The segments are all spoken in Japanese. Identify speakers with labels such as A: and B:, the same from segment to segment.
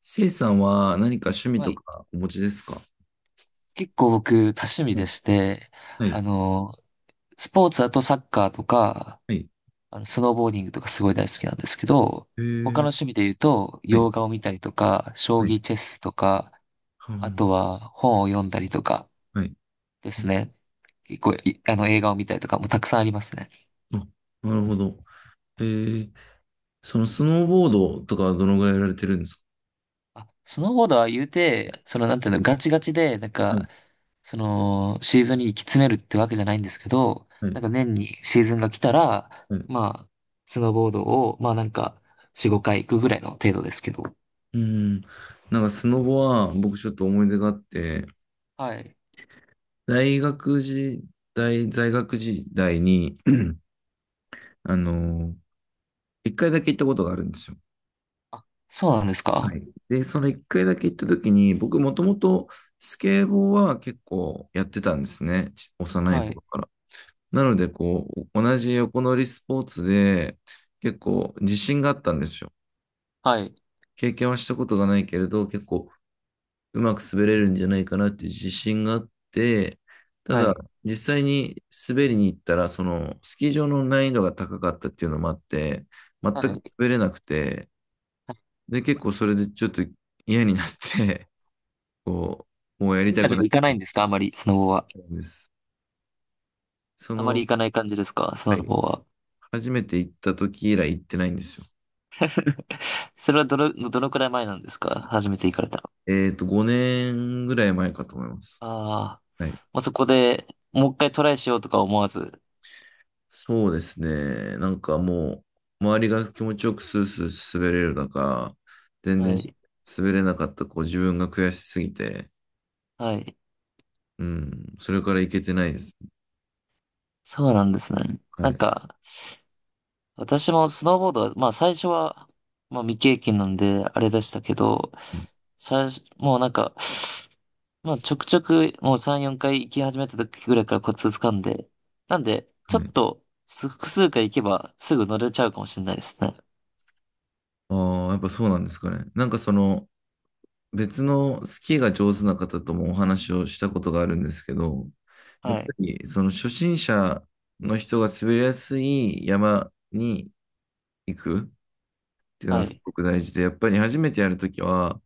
A: せいさんは何か趣味
B: は
A: と
B: い。
A: かお持ちですか？
B: 結構僕、多趣味
A: は
B: で
A: い。
B: して、
A: はい。
B: あの、スポーツだとサッカーとか、
A: はい。
B: スノーボーディングとかすごい大好きなんですけど、
A: え
B: 他の
A: ー、
B: 趣味で言うと、
A: はい。
B: 洋画を見たりとか、将
A: はい。
B: 棋チェスとか、
A: は
B: あ
A: あ。
B: とは本を読んだりとか
A: はい。
B: ですね。結構い、あの、映画を見たりとかもたくさんありますね。
A: ああ、なるほど。えー、そのスノーボードとかはどのぐらいやられてるんですか？
B: あ、スノーボードは言うて、なんていうの、ガチガチで、なん
A: はい。
B: か、シーズンに行き詰めるってわけじゃないんですけど、
A: は
B: な
A: い。
B: んか年にシーズンが来たら、
A: はい。
B: まあ、スノーボードを、まあなんか、4、5回行くぐらいの程度ですけど。
A: うん。なんかスノボは僕ちょっと思い出があって、
B: はい。
A: 大学時代、在学時代に、あの、一回だけ行ったことがあるんですよ。
B: あ、そうなんです
A: は
B: か？
A: い。で、その一回だけ行った時に、僕もともとスケボーは結構やってたんですね。幼い
B: は
A: 頃
B: い。
A: から。なので、同じ横乗りスポーツで結構自信があったんですよ。
B: はい。
A: 経験はしたことがないけれど、結構うまく滑れるんじゃないかなっていう自信があって、た
B: は
A: だ、
B: い。
A: 実際に滑りに行ったら、そのスキー場の難易度が高かったっていうのもあって、全く
B: はい。
A: 滑れなくて、
B: はい。
A: で、結構それでちょっと嫌になってこもうやりた
B: 今じ
A: く
B: ゃ
A: ないっ
B: 行かない
A: て
B: んですか？あまり、スノボは。
A: 言ったんです。そ
B: あまり
A: の、
B: 行かない感じですか？ス
A: は
B: ノ
A: い、
B: ボは。
A: 初めて行った時以来行ってないんですよ。
B: それはどのくらい前なんですか？初めて行かれたの。
A: 5年ぐらい前かと思います。
B: ああ、
A: はい。
B: もうそこでもう一回トライしようとか思わず。
A: そうですね。なんかもう、周りが気持ちよくスースー滑れる中、全
B: は
A: 然
B: い。
A: 滑れなかった自分が悔しすぎて、
B: はい。
A: うん、それから行けてないです。
B: そうなんですね。
A: はい。
B: な
A: は
B: ん
A: い。
B: か、私もスノーボードは、まあ最初は、まあ未経験なんであれでしたけど、最初、もうなんか、まあちょくちょくもう3、4回行き始めた時ぐらいからコツ掴んで、なんで、ちょ
A: は
B: っ
A: い。
B: と複数回行けばすぐ乗れちゃうかもしれないですね。
A: ああ、やっぱそうなんですかね。なんかその、別のスキーが上手な方ともお話をしたことがあるんですけど、やっ
B: は
A: ぱ
B: い。
A: りその初心者の人が滑りやすい山に行くっていうの
B: は
A: はす
B: い。
A: ごく大事で、やっぱり初めてやるときは、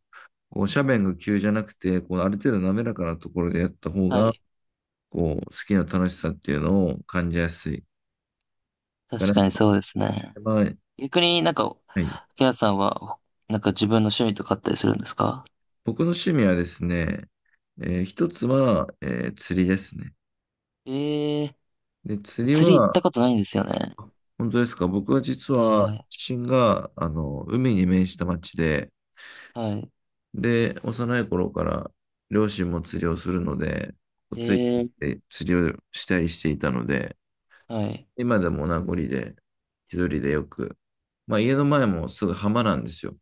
A: 斜面が急じゃなくて、ある程度滑らかなところでやった方
B: は
A: が、
B: い。
A: スキーの楽しさっていうのを感じやすい。から、
B: 確かにそうですね。
A: は
B: 逆になんか、
A: い。
B: ケアさんは、なんか自分の趣味とかあったりするんですか？
A: 僕の趣味はですね、一つは、釣りですね。
B: ええ
A: で、釣
B: ー、
A: り
B: 釣り行っ
A: は、
B: たことないんですよね。
A: 本当ですか。僕は実は、
B: は
A: 出身が、海に面した町で、
B: い、はい。
A: で、幼い頃から両親も釣りをするので、ついて行っ
B: ええ
A: て釣りをしたりしていたので、
B: ー、はい。
A: 今でも名残で、一人でよく、家の前もすぐ浜なんですよ。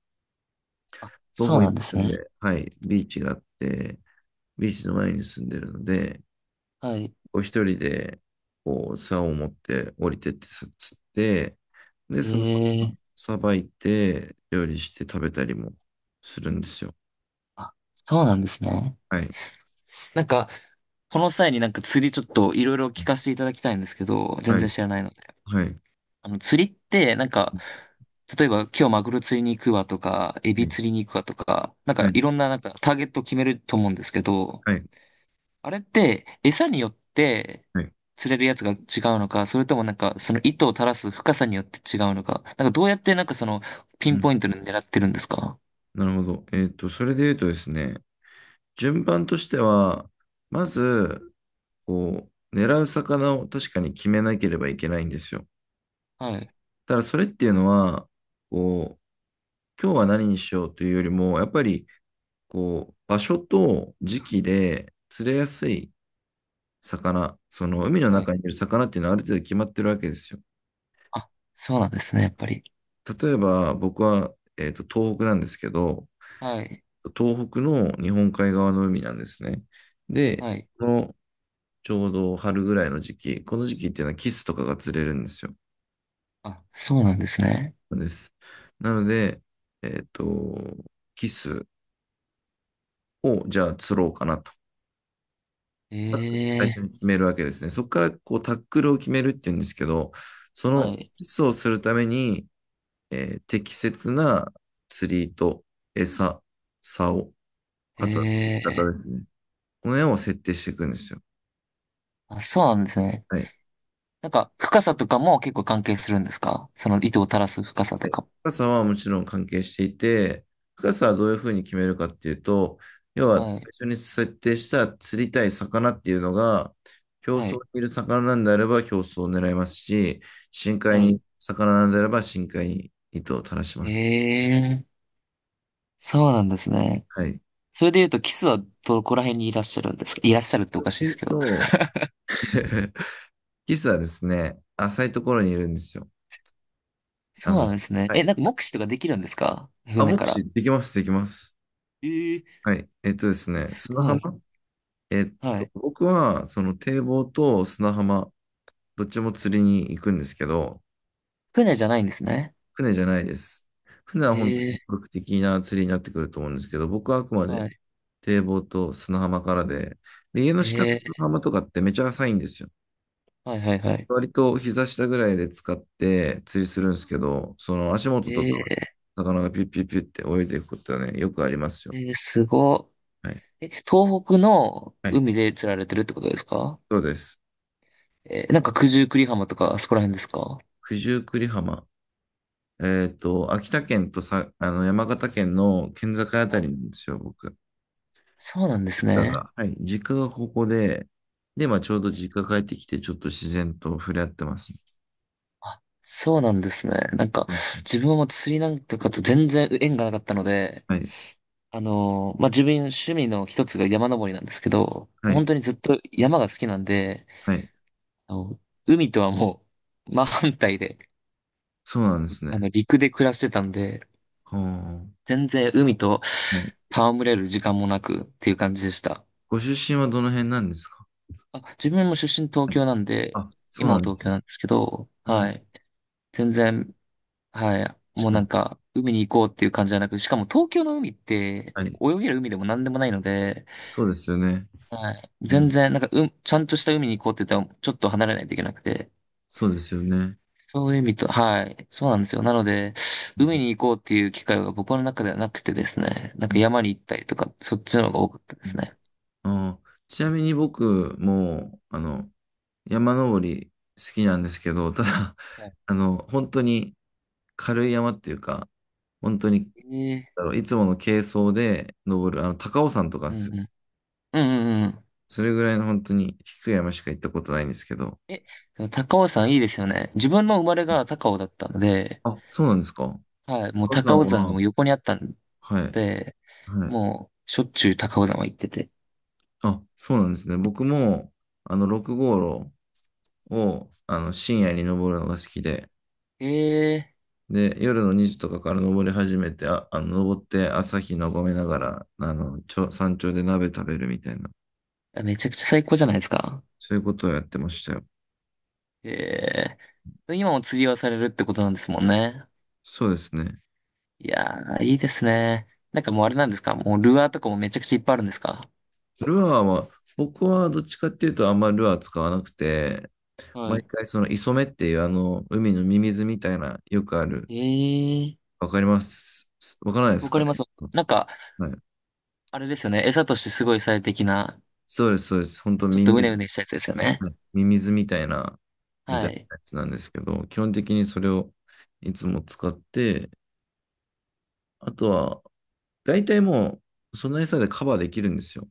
A: 徒
B: そう
A: 歩1
B: なんです
A: 分
B: ね。
A: で、はい、ビーチがあって、ビーチの前に住んでるので、
B: はい。
A: 一人で、竿を持って降りてって釣って、で、
B: ええー、
A: さばいて、料理して食べたりもするんですよ。
B: あ、そうなんですね。
A: はい。
B: なんか、この際になんか釣りちょっといろいろ聞かせていただきたいんですけど、全
A: は
B: 然
A: い。
B: 知らないので。
A: はい。
B: 釣りって、なんか、例えば今日マグロ釣りに行くわとか、エ
A: は
B: ビ
A: い。
B: 釣りに行くわとか、なん
A: は
B: か
A: い。
B: いろんななんかターゲットを決めると思うんですけど、あれって、餌によって
A: はい。
B: 釣れるやつが違うのか、それともなんか、その糸を垂らす深さによって違うのか、なんかどうやってなんかピ
A: う
B: ン
A: ん。
B: ポイントで狙ってるんですか？
A: なるほど。それで言うとですね、順番としては、まず、狙う魚を確かに決めなければいけないんですよ。
B: はい。
A: ただ、それっていうのは、こう、今日は何にしようというよりも、やっぱり、場所と時期で釣れやすい魚、その海の
B: はい。
A: 中にいる魚っていうのはある程度決まってるわけですよ。
B: あ、そうなんですね、やっぱり。
A: 例えば僕は、東北なんですけど、
B: はい。
A: 東北の日本海側の海なんですね。で、
B: はい。
A: このちょうど春ぐらいの時期、この時期っていうのはキスとかが釣れるんですよ。
B: あ、そうなんですね。
A: です。なので、えっと、キスをじゃあ釣ろうかなと。最
B: え
A: 初に
B: え、
A: 決めるわけですね。そこからタックルを決めるっていうんですけど、そ
B: は
A: の
B: い。
A: キスをするために、適切な釣りと餌、竿、あとは釣り
B: え
A: 方
B: え、
A: ですね。この辺を設定していくんですよ。
B: あ、そうなんですね。
A: はい。
B: なんか、深さとかも結構関係するんですか？その糸を垂らす深さと
A: はい、
B: か。
A: 深さはもちろん関係していて、深さはどういうふうに決めるかっていうと、要は
B: はい。
A: 最初に設定した釣りたい魚っていうのが、表
B: は
A: 層に
B: い。
A: いる魚なんであれば表層を狙いますし、深海
B: はい。
A: に魚なんであれば深海に糸を垂らします。
B: ええ、そうなんですね。
A: はい。
B: それで言うと、キスはどこら辺にいらっしゃるんですか？いらっしゃるっておかしい
A: え
B: です
A: っ
B: けど。
A: と、キスはですね、浅いところにいるんですよ。あ
B: そうな
A: の、
B: んですね。
A: は
B: え、
A: い。
B: なんか目視とかできるんですか？
A: あ、
B: 船
A: 目
B: から。
A: 視できます、できます。
B: えー、
A: はい。えっとですね、
B: す
A: 砂
B: ご
A: 浜
B: い。はい。
A: 僕は、その堤防と砂浜どっちも釣りに行くんですけど、
B: 船じゃないんですね。
A: 船じゃないです。船は本当に
B: え
A: 本格的な釣りになってくると思うんですけど、僕はあくま
B: ー、
A: で
B: はい。
A: 堤防と砂浜からで、で、家の下の砂
B: え
A: 浜とかってめちゃ浅いんですよ。
B: ー、はいはいはい。
A: 割と膝下ぐらいで使って釣りするんですけど、その足元とか、
B: え
A: 魚がピュッピュッピュッって泳いでいくことはね、よくありますよ。
B: ー、えーすご
A: はい。
B: い。え、東北の
A: はい。
B: 海で釣られてるってことですか？
A: そうです。
B: えー、なんか九十九里浜とかあそこら辺ですか？
A: 九十九里浜。秋田県とさ、山形県の県境あた
B: は
A: り
B: い。
A: なんですよ、僕。
B: そうなんです
A: だ
B: ね。
A: が、はい、実家がここで、で、ちょうど実家帰ってきて、ちょっと自然と触れ合ってます。
B: あ、そうなんですね。なんか、
A: うん、
B: 自分はもう釣りなんとかと全然縁がなかったので、
A: はい、
B: まあ、自分趣味の一つが山登りなんですけど、
A: は
B: 本
A: い、
B: 当にずっと山が好きなんで、
A: はい。
B: あの、海とはもう真反対で、
A: そうなんですね。
B: 陸で暮らしてたんで、
A: は
B: 全然海と
A: あ、はい。
B: 戯れる時間もなくっていう感じでした。
A: ご出身はどの辺なんですか？
B: あ、自分も出身東
A: はい。
B: 京なんで、
A: あ、そう
B: 今
A: な
B: は
A: んで
B: 東
A: す
B: 京
A: ね。
B: なんですけど、は
A: あ
B: い。全然、はい。
A: ー、
B: もう
A: 確か
B: なん
A: に。
B: か、海に行こうっていう感じじゃなく、しかも東京の海って、
A: はい。
B: 泳げる海でも何でもないので、
A: そうですよね。
B: はい。
A: う
B: 全
A: ん。
B: 然、なんか、うん、ちゃんとした海に行こうって言ったら、ちょっと離れないといけなくて。
A: そうですよね。
B: そういう意味と、はい。そうなんですよ。なので、
A: う
B: 海
A: ん。
B: に行こうっていう機会が僕の中ではなくてですね。なん
A: う
B: か
A: ん
B: 山に行ったりとか、そっちの方が多かったで
A: う
B: す
A: ん。
B: ね。
A: ちなみに僕も、山登り好きなんですけど、ただ、
B: は
A: 本当に軽い山っていうか、本当に
B: い、え
A: だろう、いつもの軽装で登る、高尾山とか
B: ー、
A: で
B: う
A: すよ。
B: んうん。うんうんうん。
A: それぐらいの本当に低い山しか行ったことないんですけど。
B: え、でも高尾山いいですよね。自分の生まれが高尾だったので、
A: あ、そうなんですか。
B: はい。もう
A: 高尾
B: 高
A: 山
B: 尾山が
A: は、
B: もう横にあったん
A: はい、
B: で、
A: はい。
B: もう、しょっちゅう高尾山は行ってて。
A: あ、そうなんですね。僕も、6号路を、深夜に登るのが好きで、
B: ええ
A: で、夜の2時とかから登り始めて、登って朝日眺めながら、山頂で鍋食べるみたいな、
B: ーめちゃくちゃ最高じゃないですか。
A: そういうことをやってましたよ。
B: ええ。今も釣りをされるってことなんですもんね。
A: そうですね。
B: いやー、いいですね。なんかもうあれなんですか？もうルアーとかもめちゃくちゃいっぱいあるんですか？
A: ルアーは、僕はどっちかっていうとあんまりルアー使わなくて、
B: は
A: 毎
B: い。
A: 回その磯目っていうあの海のミミズみたいなよくある。
B: ええ。
A: わかります。わからないで
B: わ
A: す
B: か
A: か
B: り
A: ね。
B: ます。なんか、
A: はい。
B: あれですよね。餌としてすごい最適な、
A: そうです、そうです。本当
B: ちょっ
A: ミ
B: とう
A: ミ
B: ね
A: ズ、
B: うねしたやつですよね。
A: はい、ミミズみたいな、みた
B: は
A: いな
B: い。
A: やつなんですけど、基本的にそれをいつも使って、あとは、大体もう、その餌でカバーできるんですよ。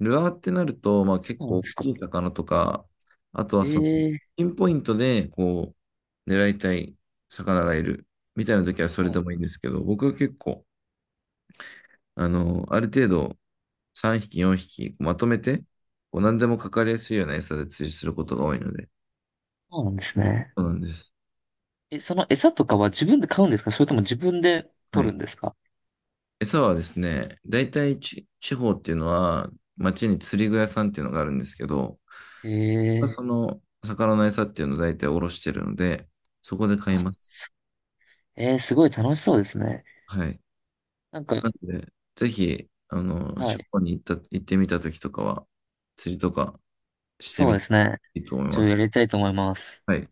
A: ルアーってなると、
B: そ
A: 結
B: うなん
A: 構
B: で
A: 大
B: すか。
A: きい魚とか、あとは
B: ええ。
A: ピンポイントで、狙いたい魚がいるみたいな時はそれ
B: は
A: で
B: い。
A: もいいんですけど、僕は結構、ある程度3匹、4匹まとめて、何でもかかりやすいような餌で釣りすることが多いので、
B: そうなんですね。
A: そうなんです。
B: え、その餌とかは自分で買うんですか？それとも自分で
A: は
B: 取る
A: い。
B: んですか？
A: 餌はですね、大体地方っていうのは、町に釣り具屋さんっていうのがあるんですけど、
B: え
A: がそ
B: え。
A: の魚の餌っていうのを大体おろしてるので、そこで買い
B: あ、
A: ます。
B: えーすごい楽しそうですね。
A: はい。
B: なん
A: な
B: か、
A: ので、ぜひ、
B: は
A: 地
B: い。
A: 方に行った、行ってみた時とかは、釣りとかして
B: そう
A: み
B: で
A: て
B: すね。
A: いいと思い
B: ち
A: ま
B: ょっとや
A: す。
B: りたいと思います。
A: はい。